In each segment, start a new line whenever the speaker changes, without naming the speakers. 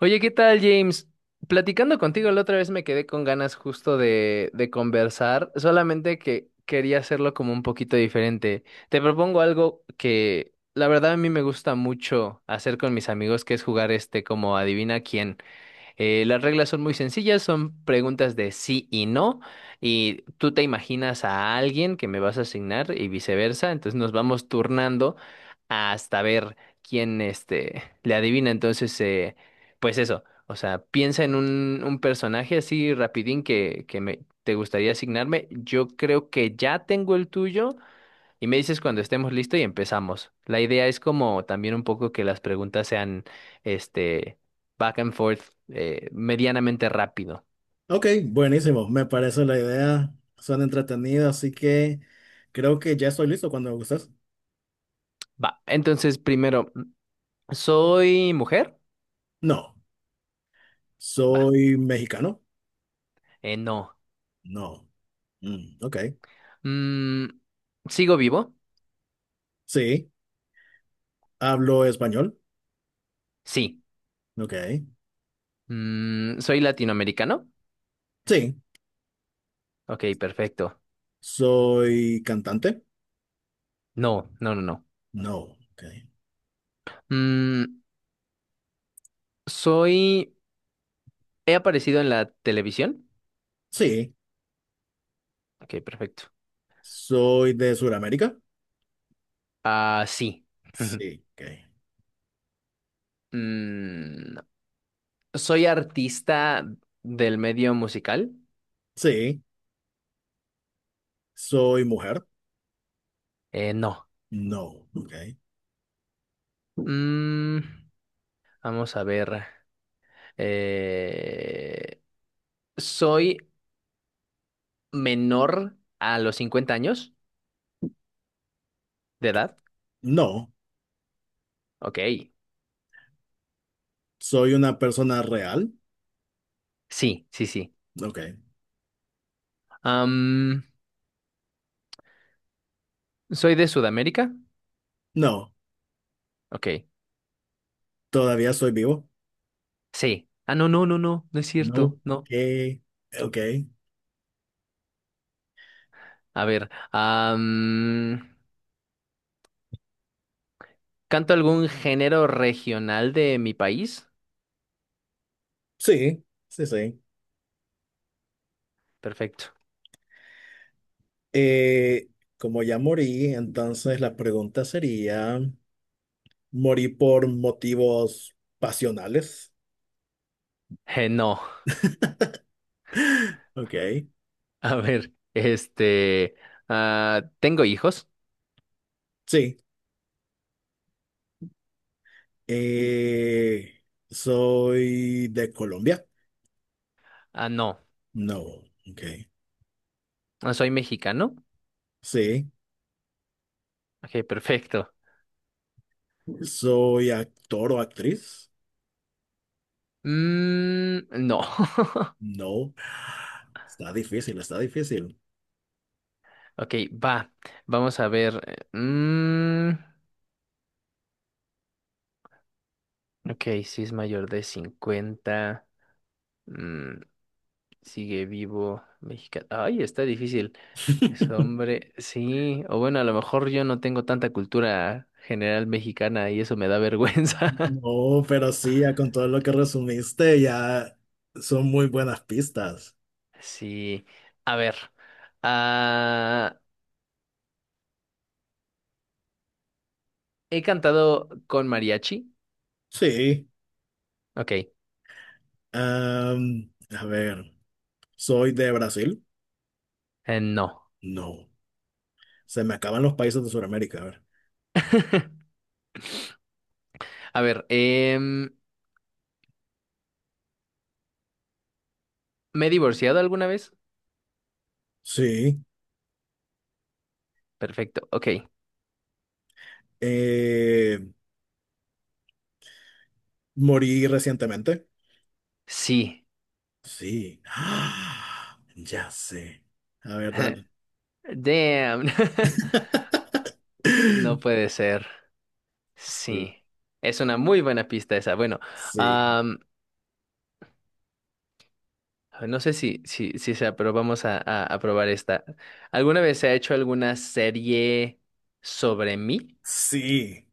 Oye, ¿qué tal, James? Platicando contigo la otra vez me quedé con ganas justo de conversar, solamente que quería hacerlo como un poquito diferente. Te propongo algo que la verdad a mí me gusta mucho hacer con mis amigos, que es jugar este como adivina quién. Las reglas son muy sencillas, son preguntas de sí y no, y tú te imaginas a alguien que me vas a asignar y viceversa, entonces nos vamos turnando hasta ver quién este, le adivina. Entonces, pues eso, o sea, piensa en un personaje así rapidín que me, te gustaría asignarme. Yo creo que ya tengo el tuyo. Y me dices cuando estemos listos y empezamos. La idea es como también un poco que las preguntas sean, este, back and forth, medianamente rápido.
Ok, buenísimo, me parece la idea, suena entretenida, así que creo que ya estoy listo cuando gustes.
Va, entonces primero, ¿soy mujer?
No,
Va,
soy mexicano,
no.
no, Mm, ok,
Mm, ¿Sigo vivo?
sí, hablo español,
Sí.
ok,
¿Soy latinoamericano?
sí,
Ok, perfecto.
soy cantante,
No, no, no, no.
no, ok,
Mm, ¿Soy... ¿He aparecido en la televisión?
sí,
Ok, perfecto.
soy de Sudamérica,
Ah, sí.
sí, ok,
Mm, ¿Soy artista del medio musical?
sí, soy mujer,
No.
no, ok,
Mm, vamos a ver. Eh, ¿Soy menor a los 50 años de edad?
no,
Ok.
soy una persona real,
Sí, sí, sí.
ok,
Am, ¿Soy de Sudamérica?
no,
Ok.
todavía soy vivo.
Sí. Ah, no, no, no, no. No es cierto.
No.
No.
Que, ok.
A ver. ¿Canto algún género regional de mi país?
Sí, sí, sí.
Perfecto.
Eh, Como ya morí, entonces la pregunta sería, ¿morí por motivos pasionales?
No.
Ok.
A ver, este, ah, ¿tengo hijos?
Sí. Eh, ¿Soy de Colombia?
Ah, no.
No. Ok.
Ah, ¿Soy mexicano?
Sí.
Ok, perfecto.
¿Soy actor o actriz?
Mm, no.
No. Está difícil, está difícil.
Ok, va. Vamos a ver. eh, mm, ok, si es mayor de 50, mm, sigue vivo. Mexicano. Ay, está difícil. Es hombre. Sí. O bueno, a lo mejor yo no tengo tanta cultura general mexicana y eso me da vergüenza.
No, pero sí, ya con todo lo que resumiste, ya son muy buenas pistas.
Sí. A ver. Ah, ¿He cantado con mariachi?
Sí,
Ok,
am, a ver, soy de Brasil.
no.
No, se me acaban los países de Sudamérica. A ver,
A ver, ¿me he divorciado alguna vez?
sí,
Perfecto, ok.
eh, morí recientemente.
Sí.
Sí, ¡ah! Ya sé. A ver, dale.
Damn. No puede ser.
Sí,
Sí. Es una muy buena pista esa. Bueno,
sí,
am, no sé si, si, si sea, pero vamos a probar esta. ¿Alguna vez se ha hecho alguna serie sobre mí?
sí.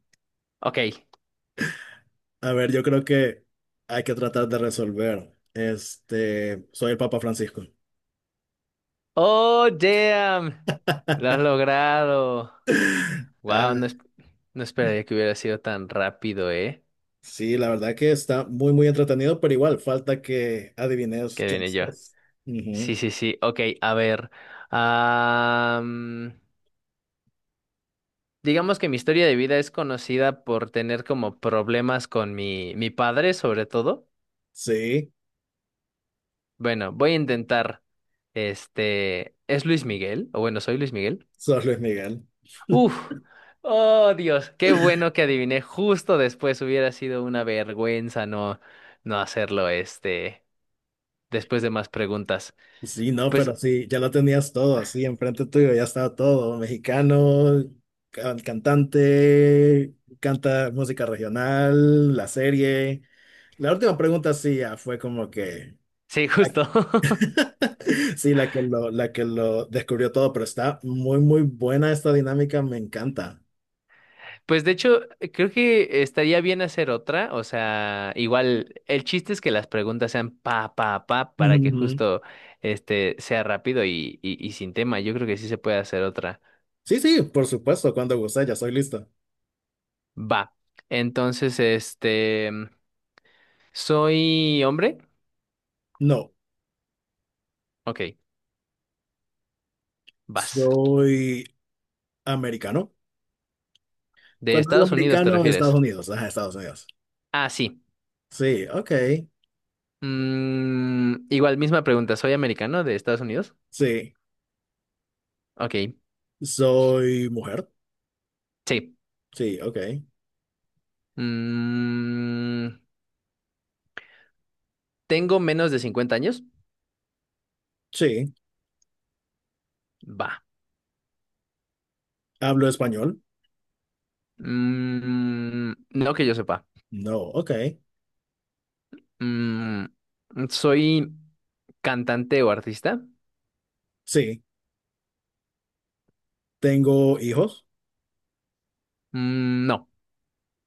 Ok.
A ver, yo creo que hay que tratar de resolver. Este, soy el Papa Francisco.
Oh, damn. Lo has logrado. Wow,
Ah,
no, no esperaría que hubiera sido tan rápido, ¿eh?
sí, la verdad que está muy, muy entretenido, pero igual falta que adivines
Que
quién
viene yo.
sos.
Sí,
Ujú.
sí, sí. Ok, a ver. am, digamos que mi historia de vida es conocida por tener como problemas con mi padre, sobre todo.
Sí,
Bueno, voy a intentar. Este, ¿es Luis Miguel? O bueno, soy Luis Miguel.
sos Luis Miguel.
Uf, oh Dios, qué bueno que adiviné justo después. Hubiera sido una vergüenza no hacerlo, este, después de más preguntas.
Sí, no, pero
Pues
sí, ya lo tenías todo así enfrente tuyo, ya estaba todo, mexicano, cantante, canta música regional, la serie. La última pregunta sí ya fue como que...
sí, justo.
Sí, la que lo descubrió todo, pero está muy, muy buena esta dinámica, me encanta.
Pues de hecho, creo que estaría bien hacer otra. O sea, igual, el chiste es que las preguntas sean para que justo este sea rápido y sin tema. Yo creo que sí se puede hacer otra.
Sí, sí, por supuesto, cuando guste, ya soy listo.
Va. Entonces, este, ¿soy hombre?
No,
Ok, vas.
soy americano.
¿De
Cuando digo
Estados Unidos te
americano,
refieres?
Estados Unidos, ajá, Estados Unidos.
Ah, sí.
Sí, ok,
Mm, igual, misma pregunta. ¿Soy americano de Estados Unidos?
sí.
Ok,
Soy mujer,
sí.
sí, ok,
Mm, ¿Tengo menos de 50 años?
sí.
Va.
Hablo español,
Mm, no que yo sepa.
no, ok,
Mm, ¿Soy cantante o artista?
sí. Tengo hijos,
Mm, no.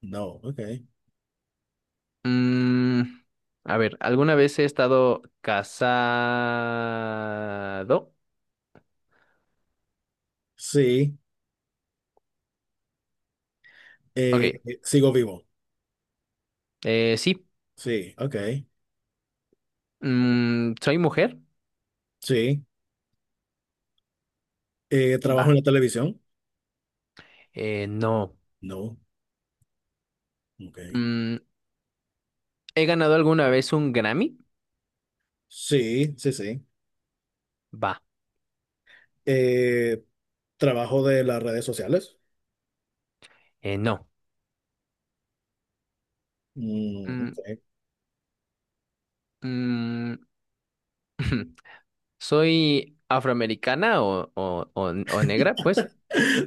no, ok,
Mm, a ver, ¿alguna vez he estado casado?
sí. Eh,
Ok.
Sigo vivo,
Sí.
sí, ok,
Mm, ¿soy mujer?
sí. Trabajo
Va.
en la televisión,
No.
no, ok,
Mm, ¿He ganado alguna vez un Grammy?
sí, sí, sí.
Va.
Eh, Trabajo de las redes sociales.
No.
Mm,
Mm,
sí.
mm, ¿Soy afroamericana o negra? Pues,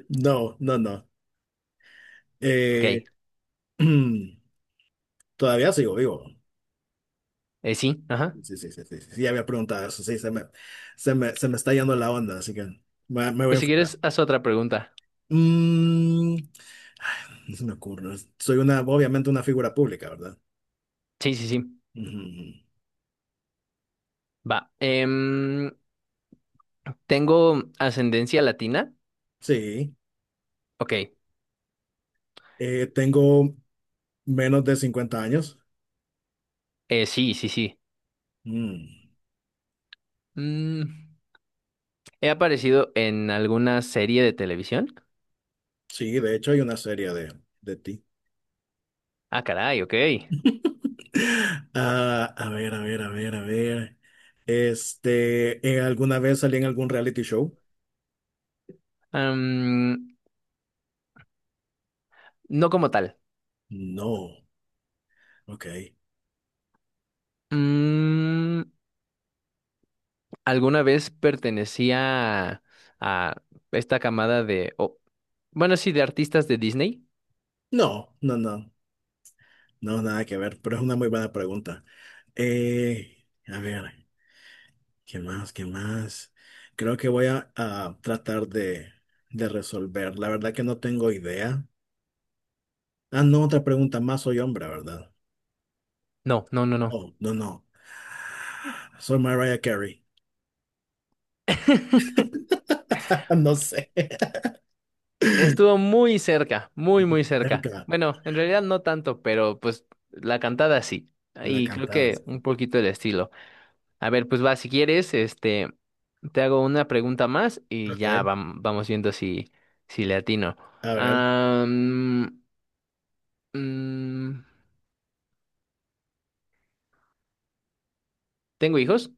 No, no, no. Eh,
ok,
todavía sigo vivo.
sí, ajá.
Sí, sí, sí, sí, sí, sí, ya había preguntado eso. Sí, se me está yendo la onda, así que me voy a
Pues si
enfocar.
quieres, haz otra pregunta.
Mm, Ay, no se me ocurre. Soy una, obviamente una figura pública, ¿verdad?
Sí, sí, sí,
Ujú.
va. ¿Tengo ascendencia latina?
Sí.
Ok,
Tengo menos de 50 años.
sí, sí, sí.
Mm,
Mm, ¿He aparecido en alguna serie de televisión?
sí, de hecho hay una serie de ti.
Ah, caray, ok.
Ah, a ver, a ver, a ver, a ver. Este, ¿alguna vez salí en algún reality show?
Am, no como tal.
No, ok.
Mm, ¿Alguna vez pertenecía a esta camada de... bueno, sí, de artistas de Disney?
No, no, no, no, nada que ver, pero es una muy buena pregunta. A ver, ¿qué más? ¿Qué más? Creo que voy a tratar de resolver. La verdad que no tengo idea. Ah, no, otra pregunta más. Soy hombre, ¿verdad?
No, no, no, no.
No, no, no. Soy Mariah Carey. No sé.
Estuvo muy cerca, muy, muy cerca.
Cerca.
Bueno, en realidad no tanto, pero pues la cantada sí.
La
Y creo que
cantabas.
un poquito el estilo. A ver, pues va, si quieres, este, te hago una pregunta más y
Ok,
ya vamos viendo si, si le atino.
a ver.
Am, mm, ¿Tengo hijos?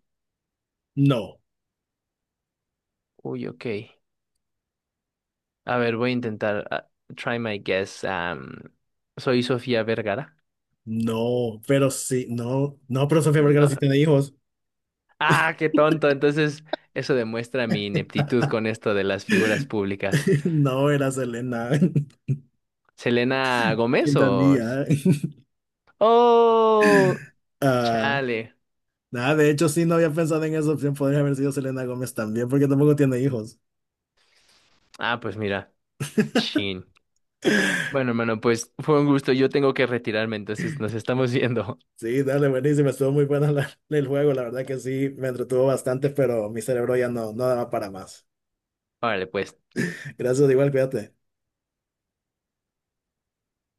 No,
Uy, ok. A ver, voy a intentar. Try my guess. ¿Soy Sofía Vergara?
no, pero sí, no, no, pero Sofía Vergara
No.
sí tiene hijos.
Ah, qué tonto. Entonces, eso demuestra mi ineptitud con esto de las figuras públicas.
No, era Selena
¿Selena Gómez o...?
Quintanilla.
Oh,
Ah,
chale.
nada, de hecho sí no había pensado en esa opción, podría haber sido Selena Gómez también, porque tampoco tiene hijos.
Ah, pues mira, chin. Bueno, hermano, pues fue un gusto. Yo tengo que retirarme, entonces nos estamos viendo.
Sí, dale, buenísimo, estuvo muy bueno el juego, la verdad que sí, me entretuvo bastante, pero mi cerebro ya no, no daba para más.
Órale, pues.
Gracias, igual, cuídate.